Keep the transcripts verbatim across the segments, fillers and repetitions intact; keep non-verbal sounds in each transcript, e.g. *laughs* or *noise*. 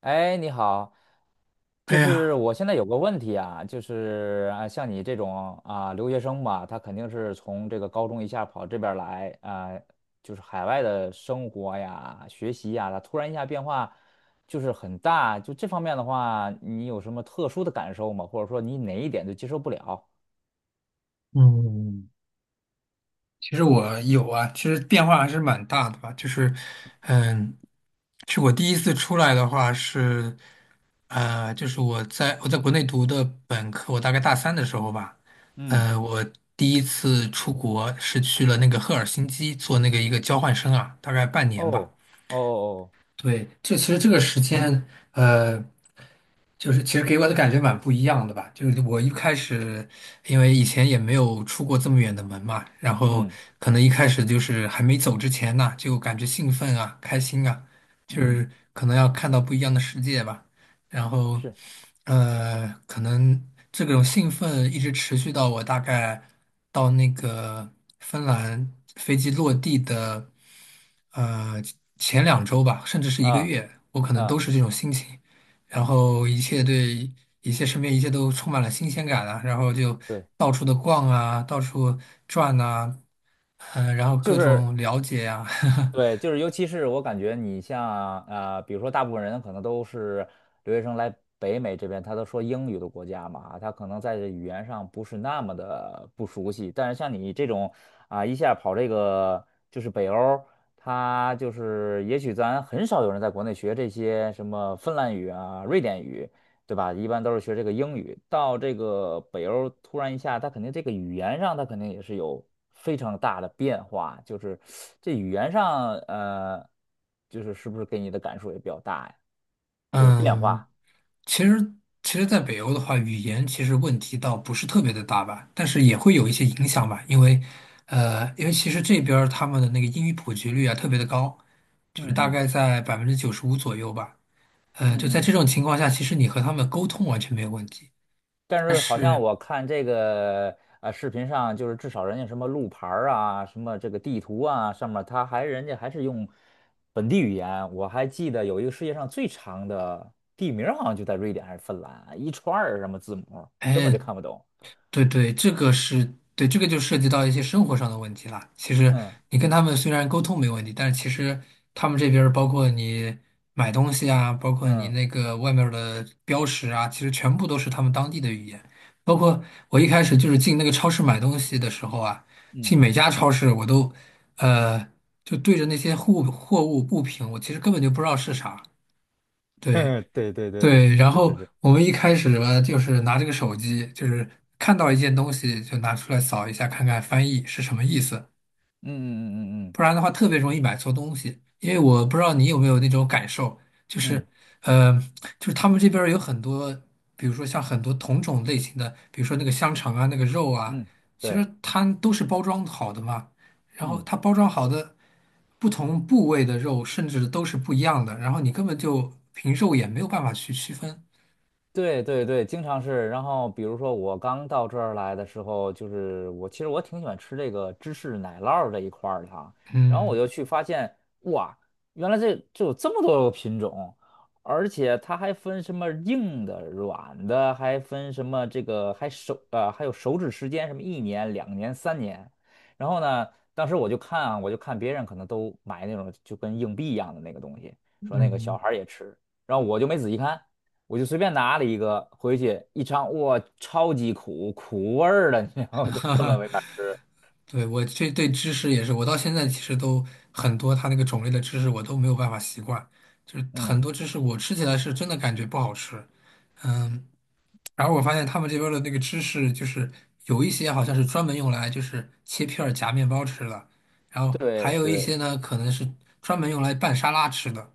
哎，你好，哎就是呀，我现在有个问题啊，就是啊，像你这种啊留学生吧，他肯定是从这个高中一下跑这边儿来啊，就是海外的生活呀、学习呀，他突然一下变化就是很大，就这方面的话，你有什么特殊的感受吗？或者说你哪一点就接受不了？嗯，其实我有啊，其实变化还是蛮大的吧。就是，嗯，是我第一次出来的话是，呃，就是我在我在国内读的本科，我大概大三的时候吧，嗯。呃，我第一次出国是去了那个赫尔辛基做那个一个交换生啊，大概半年吧。哦哦哦，对，这其实这个时间，呃。就是其实给我的感觉蛮不一样的吧。就是我一开始，因为以前也没有出过这么远的门嘛，然后嗯可能一开始就是还没走之前呢，就感觉兴奋啊、开心啊，就嗯，是可能要看到不一样的世界吧。然后，是呃，可能这种兴奋一直持续到我大概到那个芬兰飞机落地的，呃，前两周吧，甚至是一个啊月，我可能都啊是这种心情。然啊，后一切对一切身边一切都充满了新鲜感啊，然后就对，到处的逛啊，到处转呐、嗯、然后就各是。种了解呀、啊 对，就是尤其是我感觉你像呃，比如说大部分人可能都是留学生来北美这边，他都说英语的国家嘛，他可能在这语言上不是那么的不熟悉。但是像你这种啊、一下跑这个就是北欧，他就是也许咱很少有人在国内学这些什么芬兰语啊、瑞典语，对吧？一般都是学这个英语，到这个北欧突然一下，他肯定这个语言上，他肯定也是有非常大的变化，就是这语言上，呃，就是是不是给你的感受也比较大呀？*laughs* 就是变嗯，化。其实其实，在北欧的话，语言其实问题倒不是特别的大吧，但是也会有一些影响吧，因为呃，因为其实这边儿他们的那个英语普及率啊特别的高，就是嗯大嗯概在百分之九十五左右吧，嗯、就在嗯这嗯。种情况下，其实你和他们沟通完全没有问题。但但是好像是我看这个呃视频上，就是至少人家什么路牌儿啊，什么这个地图啊，上面他还人家还是用本地语言。我还记得有一个世界上最长的地名儿，好像就在瑞典还是芬兰，一串儿什么字母，根本哎，就看不懂。对对，这个是对，这个就涉及到一些生活上的问题了。其实嗯你跟他们虽然沟通没问题，但是其实他们这边儿包括你买东西啊，包括你嗯那个外面儿的标识啊，其实全部都是他们当地的语言。包括我一开始就是进那个超市买东西的时候啊，进嗯，每家超市我都呃就对着那些货物货物物品，我其实根本就不知道是啥。对。*laughs* 对对对，对，然是是后是，我们一开始吧，就是拿这个手机，就是看到一件东西就拿出来扫一下，看看翻译是什么意思，嗯嗯嗯不然的话特别容易买错东西。因为我不知道你有没有那种感受，就嗯是，嗯呃，就是他们这边儿有很多，比如说像很多同种类型的，比如说那个香肠啊，那个肉啊，嗯嗯，其实对，它都是包装好的嘛，然后嗯。它包装好的不同部位的肉，甚至都是不一样的，然后你根本就凭肉眼没有办法去区分。对对对，经常是。然后比如说我刚到这儿来的时候，就是我其实我挺喜欢吃这个芝士奶酪儿这一块儿的哈。然后嗯。我就去发现，哇，原来这这有这么多个品种，而且它还分什么硬的、软的，还分什么这个还手呃还有手指时间，什么一年、两年、三年。然后呢，当时我就看啊，我就看别人可能都买那种就跟硬币一样的那个东西，说那个小嗯，孩儿也吃，然后我就没仔细看。我就随便拿了一个回去一尝，哇，超级苦，苦味儿的，你知道吗？*laughs* 都根本没法吃。对，我这对芝士也是，我到现在其实都很多，它那个种类的芝士我都没有办法习惯，就是很嗯，多芝士我吃起来是真的感觉不好吃，嗯，然后我发现他们这边儿的那个芝士就是有一些好像是专门用来就是切片儿夹面包吃的，然后还对有一对，些呢可能是专门用来拌沙拉吃的，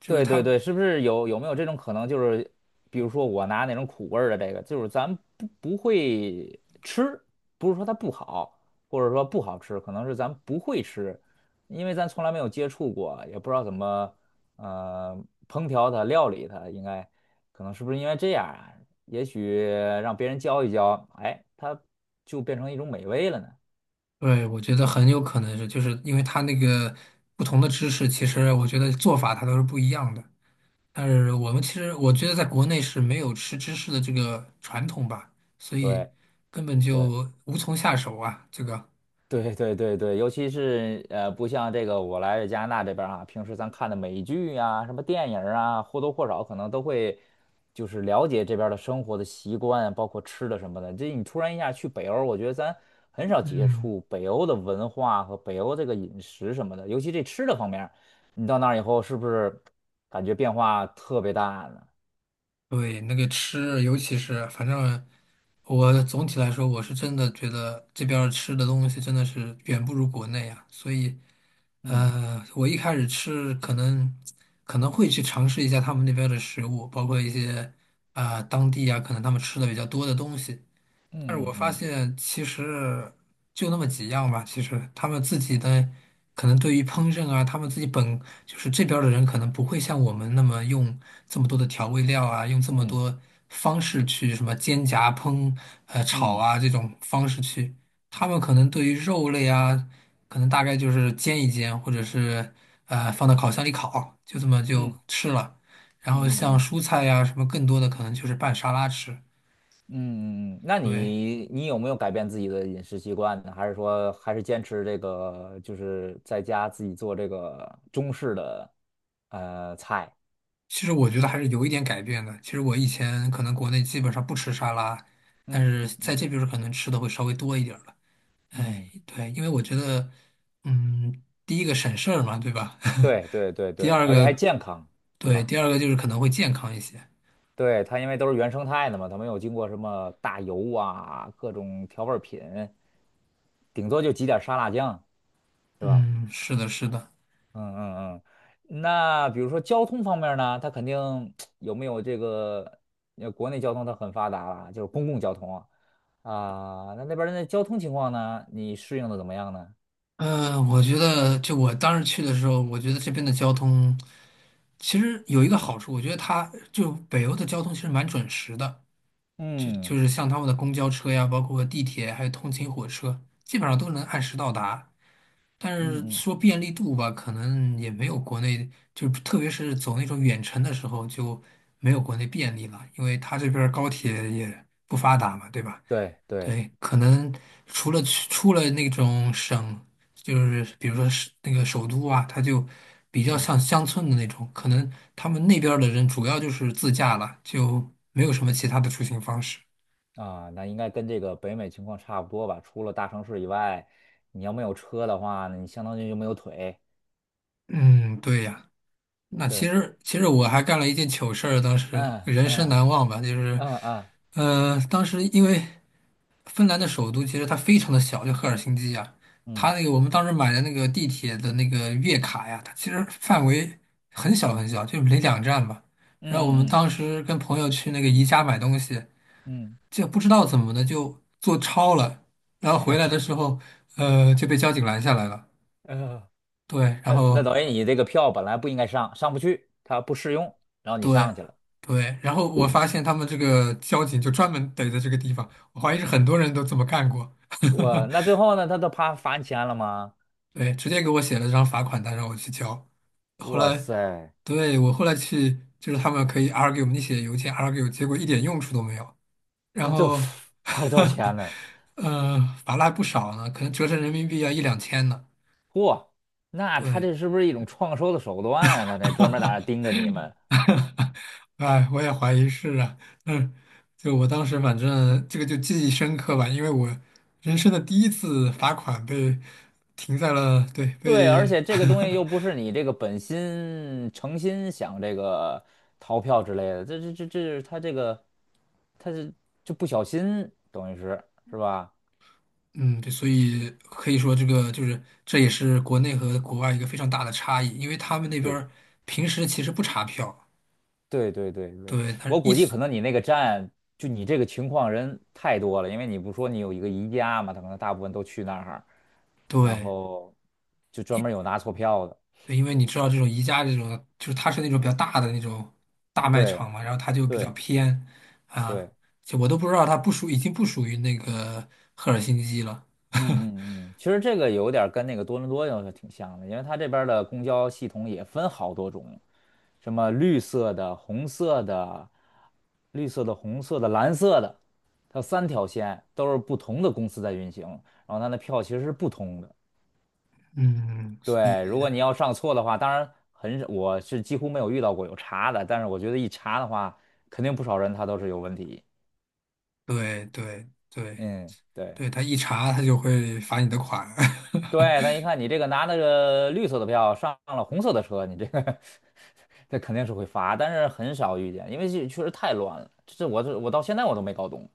就是对它，对对，是不是有有没有这种可能？就是比如说我拿那种苦味儿的这个，就是咱不不会吃，不是说它不好，或者说不好吃，可能是咱不会吃，因为咱从来没有接触过，也不知道怎么呃烹调它、料理它，应该可能是不是因为这样啊？也许让别人教一教，哎，它就变成一种美味了呢。对，我觉得很有可能是，就是因为它那个不同的芝士，其实我觉得做法它都是不一样的。但是我们其实我觉得在国内是没有吃芝士的这个传统吧，所以对。根本对。就无从下手啊。这个，对对对对，尤其是呃，不像这个我来加拿大这边儿啊，平时咱看的美剧呀、什么电影儿啊，或多或少可能都会就是了解这边儿的生活的习惯，包括吃的什么的。这你突然一下去北欧，我觉得咱很少接嗯，触北欧的文化和北欧这个饮食什么的，尤其这吃的方面儿你到那儿以后是不是感觉变化特别大呢？对，那个吃，尤其是反正我总体来说，我是真的觉得这边儿吃的东西真的是远不如国内啊。所以，呃，我一开始吃可能可能会去尝试一下他们那边的食物，包括一些啊、当地啊可能他们吃的比较多的东西。但是我嗯发嗯现其实就那么几样吧，其实他们自己的可能对于烹饪啊，他们自己本就是这边儿的人可能不会像我们那么用这么多的调味料啊，用这么嗯多方式去什么煎炸烹呃炒嗯啊这种方式去，他们可能对于肉类啊，可能大概就是煎一煎，或者是呃放到烤箱里烤，就这嗯嗯么嗯就嗯吃了。然后嗯嗯像嗯。嗯蔬菜呀、什么更多的可能就是拌沙拉吃，嗯，嗯嗯那对。你你有没有改变自己的饮食习惯呢？还是说还是坚持这个，就是在家自己做这个中式的呃菜？其实我觉得还是有一点改变的。其实我以前可能国内基本上不吃沙拉，但嗯是在嗯这边儿可能吃的会稍微多一点儿了。哎，嗯，对，因为我觉得，嗯，第一个省事儿嘛，对吧？对对对 *laughs* 第对，二而且还个，健康，对对，吧？第二个就是可能会健康一些。对，它因为都是原生态的嘛，它没有经过什么大油啊、各种调味儿品，顶多就挤点儿沙拉酱，是吧？嗯，是的，是的。嗯嗯嗯，那比如说交通方面呢，它肯定有没有这个，呃，国内交通它很发达了，就是公共交通啊，啊，那那边儿的交通情况呢，你适应的怎么样呢？呃，我觉得就我当时去的时候，我觉得这边的交通其实有一个好处，我觉得它就北欧的交通其实蛮准时的。就就嗯是像他们的公交车呀，包括地铁，还有通勤火车，基本上都能按时到达。但是嗯嗯，说便利度吧，可能也没有国内，就是特别是走那种远程的时候就没有国内便利了，因为他这边儿高铁也不发达嘛，对吧？对对，对，可能除了去出了那种省，就是比如说是那个首都啊，它就比较嗯像乡村的那种，可能他们那边儿的人主要就是自驾了，就没有什么其他的出行方式。啊，那应该跟这个北美情况差不多吧，除了大城市以外，你要没有车的话，那你相当于就没有腿。嗯，对呀，那其对，实其实我还干了一件糗事儿，当时嗯人生嗯难忘吧，就是，嗯嗯呃，当时因为芬兰的首都其实它非常的小，就赫尔辛基呀，嗯它那嗯个我们当时买的那个地铁的那个月卡呀，它其实范围很小很小，就没两站吧。然后我们嗯嗯当时跟朋友去那个宜家买东西，嗯。就不知道怎么的就坐超了，然后回来的时候，呃，就被交警拦下来了。嗯嗯对，然那那后等于你这个票本来不应该上，上不去，它不适用，然后你对上去了，对，然后我发现他们这个交警就专门逮在这个地方，我怀疑是很多人都这么干过。我那最 *laughs* 后呢，他都怕罚你钱了吗？对，直接给我写了张罚款单让我去交。后哇来，塞，对，我后来去，就是他们可以 argue，你写邮件 argue，结果一点用处都没有。然那最后 后，*laughs* 罚了多少钱呢？*laughs* 呃，罚了还不少呢，可能折成人民币要一两千呢。嚯，那他对，这是不是一种创收的手段啊？那这专门在那盯着你们。*laughs* 哈哈，*laughs* 哎，我也怀疑是啊，嗯，就我当时反正这个就记忆深刻吧，因为我人生的第一次罚款被停在了，对，对，被，而且这个东西又不 *laughs* 是你这个本心诚心想这个逃票之类的，这这这这是他这个他是就不小心，等于是是吧？嗯，对，所以可以说这个就是这也是国内和国外一个非常大的差异，因为他们那边对。儿平时其实不查票，对对对对，对，他是我一估计直可能你那个站，就你这个情况人太多了，因为你不说你有一个宜家嘛，他可能大部分都去那儿，然对。后就专门有拿错票的。对，因为你知道这种宜家这种，就是它是那种比较大的那种大卖对场嘛，然后它就比较对偏啊，对，就我都不知道它不属，已经不属于那个赫尔辛基了。嗯嗯嗯，其实这个有点儿跟那个多伦多要是挺像的，因为它这边儿的公交系统也分好多种，什么绿色的、红色的、绿色的、红色的、蓝色的，它有三条线，都是不同的公司在运行，然后它的票其实是不同的。嗯，所对，如以果你要上错的话，当然很少，我是几乎没有遇到过有查的，但是我觉得一查的话，肯定不少人他都是有问题。对对对嗯，对，对，他一查他就会罚你的款。*laughs* 对，他一看你这个拿那个绿色的票上了红色的车，你这个 *laughs* 这肯定是会罚，但是很少遇见，因为这确实太乱了，这我这我到现在我都没搞懂。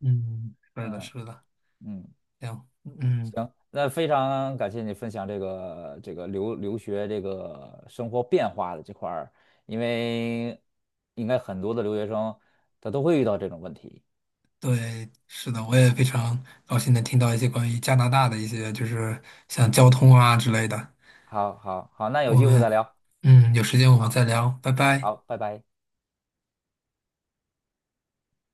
嗯，是的，嗯是的，嗯。行，嗯，行，那非常感谢你分享这个这个留留学这个生活变化的这块儿，因为应该很多的留学生他都会遇到这种问题。对，是的，我也非常高兴能听到一些关于加拿大的一些，就是像交通啊之类的。好，好，好，那有我机会再们聊。嗯，有时间我们好，再聊，拜拜。好，拜拜。